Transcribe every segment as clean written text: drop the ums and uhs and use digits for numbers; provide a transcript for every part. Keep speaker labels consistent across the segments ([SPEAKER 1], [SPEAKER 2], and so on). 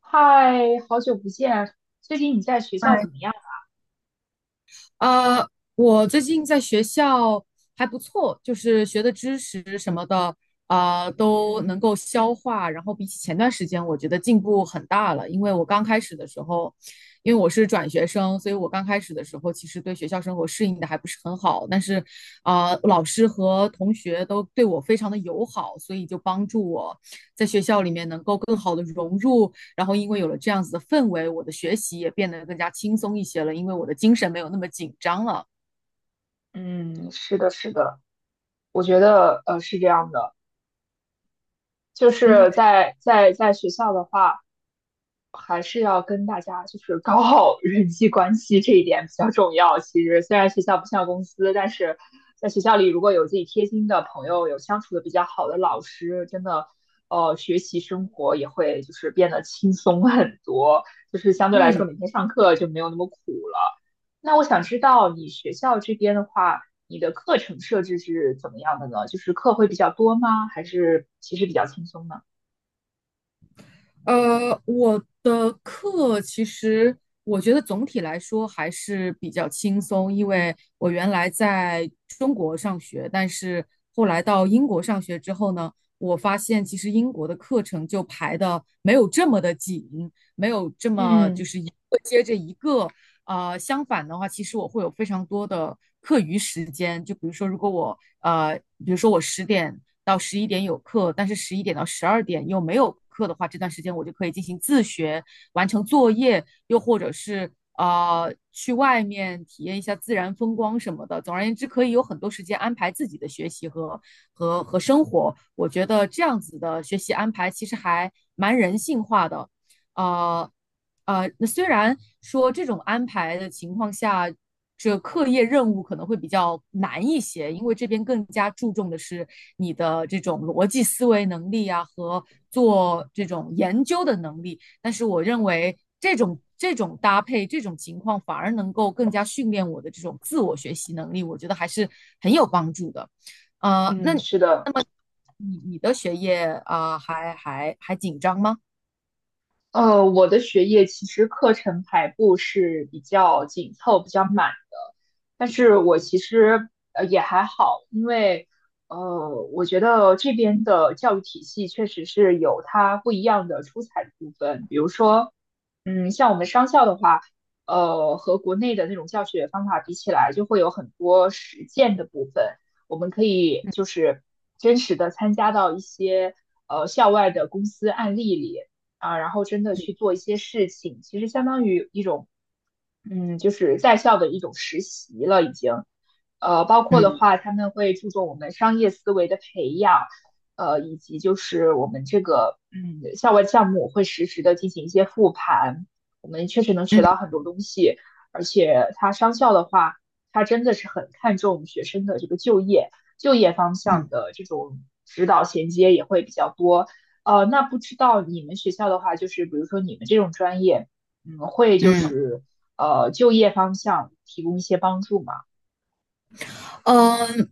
[SPEAKER 1] 嗨，好久不见啊！最近你在学校怎
[SPEAKER 2] 嗨，
[SPEAKER 1] 么样？
[SPEAKER 2] 呃，我最近在学校还不错，就是学的知识什么的，啊、都
[SPEAKER 1] 嗯
[SPEAKER 2] 能够消化。然后比起前段时间，我觉得进步很大了。因为我刚开始的时候，因为我是转学生，所以我刚开始的时候其实对学校生活适应的还不是很好。但是，啊、老师和同学都对我非常的友好，所以就帮助我在学校里面能够更好的融入。然后因为有了这样子的氛围，我的学习也变得更加轻松一些了，因为我的精神没有那么紧张了。
[SPEAKER 1] 嗯，是的，是的，我觉得是这样的，就
[SPEAKER 2] 嗯
[SPEAKER 1] 是在学校的话。还是要跟大家就是搞好 人际关系这一点比较重要。其实虽然学校不像公司，但是在学校里如果有自己贴心的朋友，有相处的比较好的老师，真的，学习生活也会就是变得轻松很多，就是相对来
[SPEAKER 2] 嗯，
[SPEAKER 1] 说每天上课就没有那么苦了。那我想知道你学校这边的话，你的课程设置是怎么样的呢？就是课会比较多吗？还是其实比较轻松呢？
[SPEAKER 2] 我的课其实我觉得总体来说还是比较轻松，因为我原来在中国上学，但是后来到英国上学之后呢，我发现其实英国的课程就排的没有这么的紧，没有这么就
[SPEAKER 1] 嗯
[SPEAKER 2] 是一个接着一个。相反的话，其实我会有非常多的课余时间，就比如说，如果我比如说我十点到十一点有课，但是十一点到十二点又没有课的话，这段时间我就可以进行自学，完成作业，又或者是去外面体验一下自然风光什么的。总而言之，可以有很多时间安排自己的学习和生活。我觉得这样子的学习安排其实还蛮人性化的，啊啊！那虽然说这种安排的情况下，这课业任务可能会比较难一些，因为这边更加注重的是你的这种逻辑思维能力啊和做这种研究的能力。但是我认为这种搭配，这种情况反而能够更加训练我的这种自我学习能力，我觉得还是很有帮助的。那
[SPEAKER 1] 嗯，是的。
[SPEAKER 2] 那么你的学业啊，还紧张吗？
[SPEAKER 1] 我的学业其实课程排布是比较紧凑、比较满，但是我其实也还好，因为我觉得这边的教育体系确实是有它不一样的出彩的部分。比如说，嗯，像我们商校的话，和国内的那种教学方法比起来，就会有很多实践的部分，我们可以
[SPEAKER 2] 嗯
[SPEAKER 1] 就是真实的参加到一些校外的公司案例里，啊，然后真的去
[SPEAKER 2] 嗯
[SPEAKER 1] 做一些事情，其实相当于一种，嗯，就是在校的一种实习了，已经。包括的
[SPEAKER 2] 嗯。
[SPEAKER 1] 话，他们会注重我们商业思维的培养，以及就是我们这个嗯校外项目会实时的进行一些复盘，我们确实能学到
[SPEAKER 2] 嗯
[SPEAKER 1] 很多东西。而且它商校的话，它真的是很看重学生的这个就业，就业方向
[SPEAKER 2] 嗯
[SPEAKER 1] 的这种指导衔接也会比较多。那不知道你们学校的话，就是比如说你们这种专业，嗯，会就
[SPEAKER 2] 嗯，
[SPEAKER 1] 是就业方向提供一些帮助嘛。
[SPEAKER 2] 嗯。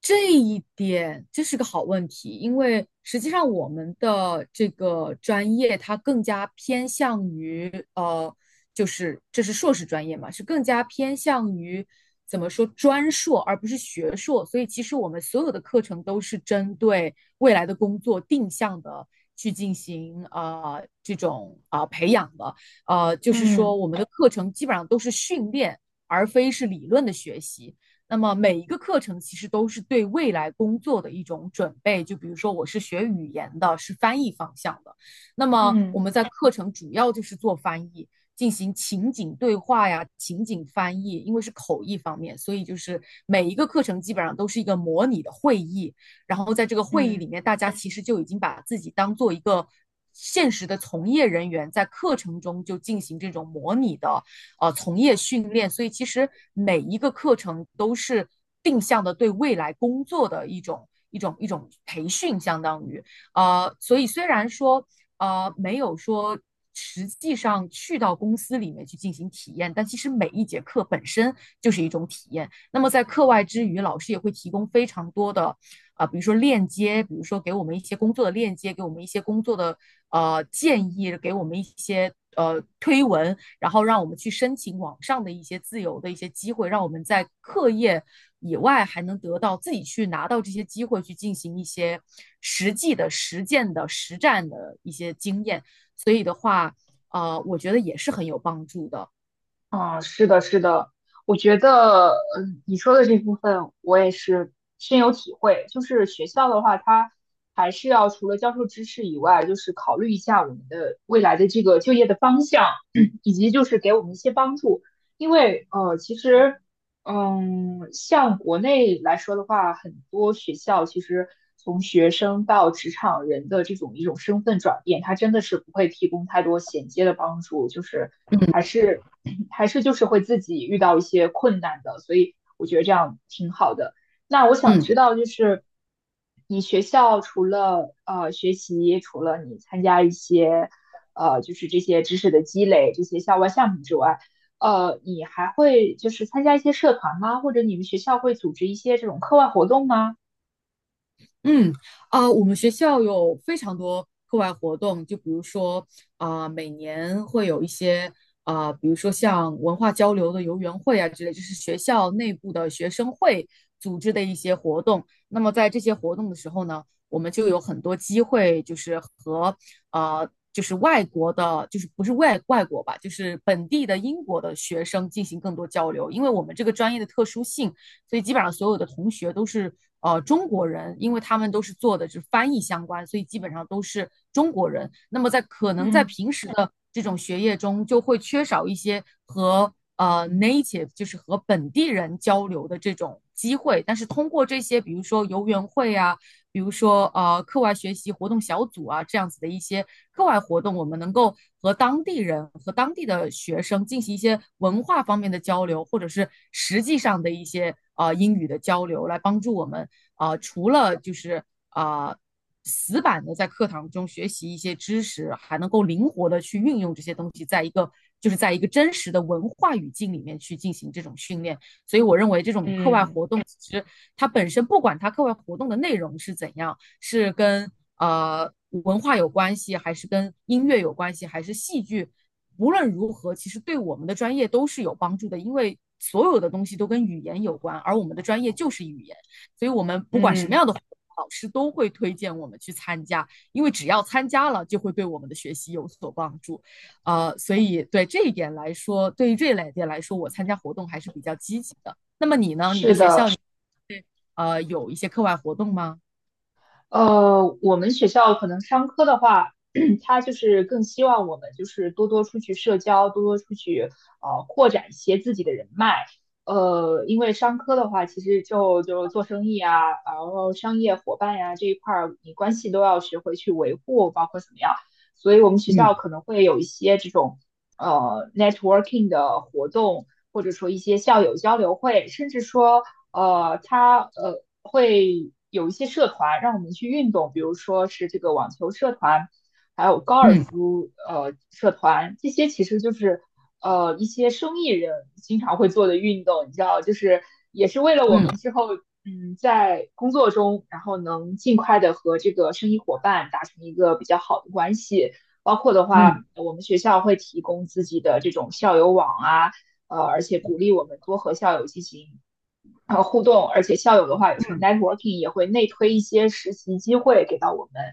[SPEAKER 2] 这一点这是个好问题，因为实际上我们的这个专业它更加偏向于呃，就是这是硕士专业嘛，是更加偏向于怎么说专硕，而不是学硕。所以其实我们所有的课程都是针对未来的工作定向的去进行这种啊、培养的。就是说
[SPEAKER 1] 嗯
[SPEAKER 2] 我们的课程基本上都是训练，而非是理论的学习。那么每一个课程其实都是对未来工作的一种准备。就比如说我是学语言的，是翻译方向的，那么
[SPEAKER 1] 嗯
[SPEAKER 2] 我们在课程主要就是做翻译，进行情景对话呀、情景翻译，因为是口译方面，所以就是每一个课程基本上都是一个模拟的会议。然后在这个会议里
[SPEAKER 1] 嗯。
[SPEAKER 2] 面，大家其实就已经把自己当做一个。现实的从业人员在课程中就进行这种模拟的从业训练，所以其实每一个课程都是定向的对未来工作的一种培训，相当于所以虽然说没有说。实际上去到公司里面去进行体验，但其实每一节课本身就是一种体验。那么在课外之余，老师也会提供非常多的啊、比如说链接，比如说给我们一些工作的链接，给我们一些工作的建议，给我们一些推文，然后让我们去申请网上的一些自由的一些机会，让我们在课业以外还能得到自己去拿到这些机会，去进行一些实际的实践的实战的一些经验。所以的话，我觉得也是很有帮助的。
[SPEAKER 1] 嗯，是的，是的，我觉得，嗯，你说的这部分我也是深有体会。就是学校的话，它还是要除了教授知识以外，就是考虑一下我们的未来的这个就业的方向，以及就是给我们一些帮助。因为，其实，嗯，像国内来说的话，很多学校其实从学生到职场人的这种一种身份转变，它真的是不会提供太多衔接的帮助，就是。还
[SPEAKER 2] 嗯
[SPEAKER 1] 是还是就是会自己遇到一些困难的，所以我觉得这样挺好的。那我想
[SPEAKER 2] 嗯，
[SPEAKER 1] 知道，就是你学校除了学习，除了你参加一些就是这些知识的积累，这些校外项目之外，你还会就是参加一些社团吗？或者你们学校会组织一些这种课外活动吗？
[SPEAKER 2] 嗯，啊、我们学校有非常多课外活动，就比如说啊、每年会有一些啊、比如说像文化交流的游园会啊之类，就是学校内部的学生会组织的一些活动。那么在这些活动的时候呢，我们就有很多机会，就是和就是外国的，就是不是外国吧，就是本地的英国的学生进行更多交流，因为我们这个专业的特殊性。所以基本上所有的同学都是中国人，因为他们都是做的是翻译相关，所以基本上都是中国人。那么在可能在
[SPEAKER 1] 嗯
[SPEAKER 2] 平时的这种学业中，就会缺少一些和native 就是和本地人交流的这种机会，但是通过这些，比如说游园会啊，比如说课外学习活动小组啊这样子的一些课外活动，我们能够和当地人和当地的学生进行一些文化方面的交流，或者是实际上的一些英语的交流，来帮助我们除了就是呃死板的在课堂中学习一些知识，还能够灵活的去运用这些东西，在一个就是在一个真实的文化语境里面去进行这种训练，所以我认为这种课外
[SPEAKER 1] 嗯
[SPEAKER 2] 活动其实它本身不管它课外活动的内容是怎样，是跟文化有关系，还是跟音乐有关系，还是戏剧，无论如何，其实对我们的专业都是有帮助的，因为。所有的东西都跟语言有关，而我们的专业就是语言，所以我们不管什么
[SPEAKER 1] 嗯，
[SPEAKER 2] 样的活动老师都会推荐我们去参加，因为只要参加了，就会对我们的学习有所帮助。所以对这一点来说，对于这一类点来说，我参加活动还是比较积极的。那么你呢？你的
[SPEAKER 1] 是
[SPEAKER 2] 学校
[SPEAKER 1] 的，
[SPEAKER 2] 里有一些课外活动吗？
[SPEAKER 1] 我们学校可能商科的话，他就是更希望我们就是多多出去社交，多多出去扩展一些自己的人脉。因为商科的话，其实就做生意啊，然后商业伙伴呀、这一块儿，你关系都要学会去维护，包括怎么样。所以我们学校
[SPEAKER 2] 嗯
[SPEAKER 1] 可能会有一些这种networking 的活动，或者说一些校友交流会，甚至说它会有一些社团让我们去运动，比如说是这个网球社团，还有高尔
[SPEAKER 2] 嗯
[SPEAKER 1] 夫社团，这些其实就是一些生意人经常会做的运动，你知道，就是也是为了我们
[SPEAKER 2] 嗯
[SPEAKER 1] 之后嗯在工作中，然后能尽快的和这个生意伙伴达成一个比较好的关系。包括的话，
[SPEAKER 2] 嗯
[SPEAKER 1] 我们学校会提供自己的这种校友网啊，而且鼓励我们多和校友进行互动，而且校友的话有时候
[SPEAKER 2] 嗯
[SPEAKER 1] networking 也会内推一些实习机会给到我们，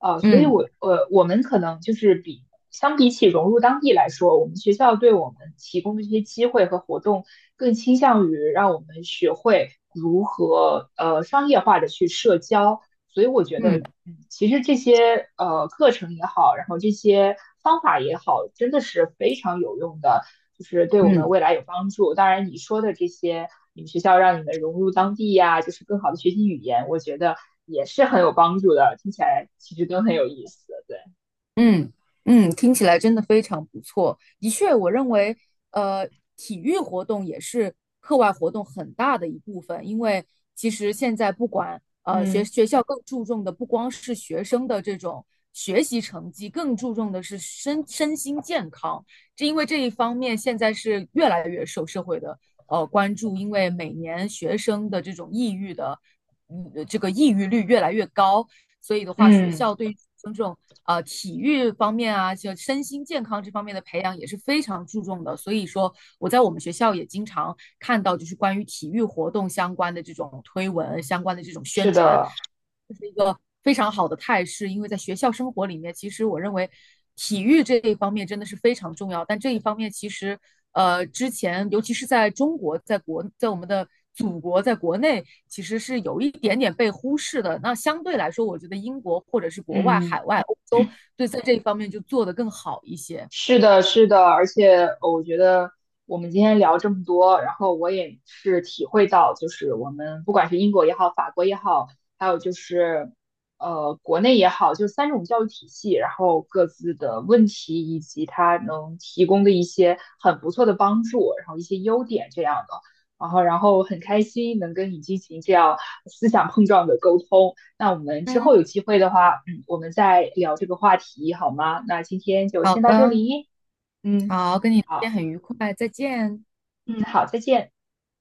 [SPEAKER 1] 所以
[SPEAKER 2] 嗯
[SPEAKER 1] 我们可能就是相比起融入当地来说，我们学校对我们提供的这些机会和活动更倾向于让我们学会如何商业化的去社交，所以我觉得。
[SPEAKER 2] 嗯
[SPEAKER 1] 嗯，其实这些课程也好，然后这些方法也好，真的是非常有用的。就是对我们
[SPEAKER 2] 嗯
[SPEAKER 1] 未来有帮助。当然，你说的这些，你们学校让你们融入当地呀、啊就是更好的学习语言，我觉得也是很有帮助的。听起来其实都很有意思，对，
[SPEAKER 2] 嗯嗯，听起来真的非常不错。的确，我认为，呃，体育活动也是课外活动很大的一部分，因为其实现在不管学
[SPEAKER 1] 嗯
[SPEAKER 2] 学校更注重的不光是学生的这种学习成绩，更注重的是身心健康。这因为这一方面现在是越来越受社会的关注，因为每年学生的这种抑郁的这个抑郁率越来越高，所以的话，学
[SPEAKER 1] 嗯，
[SPEAKER 2] 校对于这种体育方面啊，就身心健康这方面的培养也是非常注重的。所以说，我在我们学校也经常看到，就是关于体育活动相关的这种推文、相关的这种宣
[SPEAKER 1] 是
[SPEAKER 2] 传。
[SPEAKER 1] 的，
[SPEAKER 2] 非常好的态势，因为在学校生活里面，其实我认为体育这一方面真的是非常重要。但这一方面其实，之前尤其是在中国，在我们的祖国，在国内其实是有一点点被忽视的。那相对来说，我觉得英国或者是国外、
[SPEAKER 1] 嗯。
[SPEAKER 2] 海外、欧洲，对在这一方面就做得更好一些。
[SPEAKER 1] 是的，是的，而且我觉得我们今天聊这么多，然后我也是体会到，就是我们不管是英国也好，法国也好，还有就是国内也好，就三种教育体系，然后各自的问题以及它能提供的一些很不错的帮助，然后一些优点这样的，然后很开心能跟你进行这样思想碰撞的沟通。那我们之
[SPEAKER 2] 嗯，
[SPEAKER 1] 后有机会的话。我们再聊这个话题好吗？那今天就
[SPEAKER 2] 好
[SPEAKER 1] 先到这
[SPEAKER 2] 的，
[SPEAKER 1] 里，嗯，
[SPEAKER 2] 好，跟你聊天
[SPEAKER 1] 好，
[SPEAKER 2] 很愉快，再见。
[SPEAKER 1] 嗯，好，再见。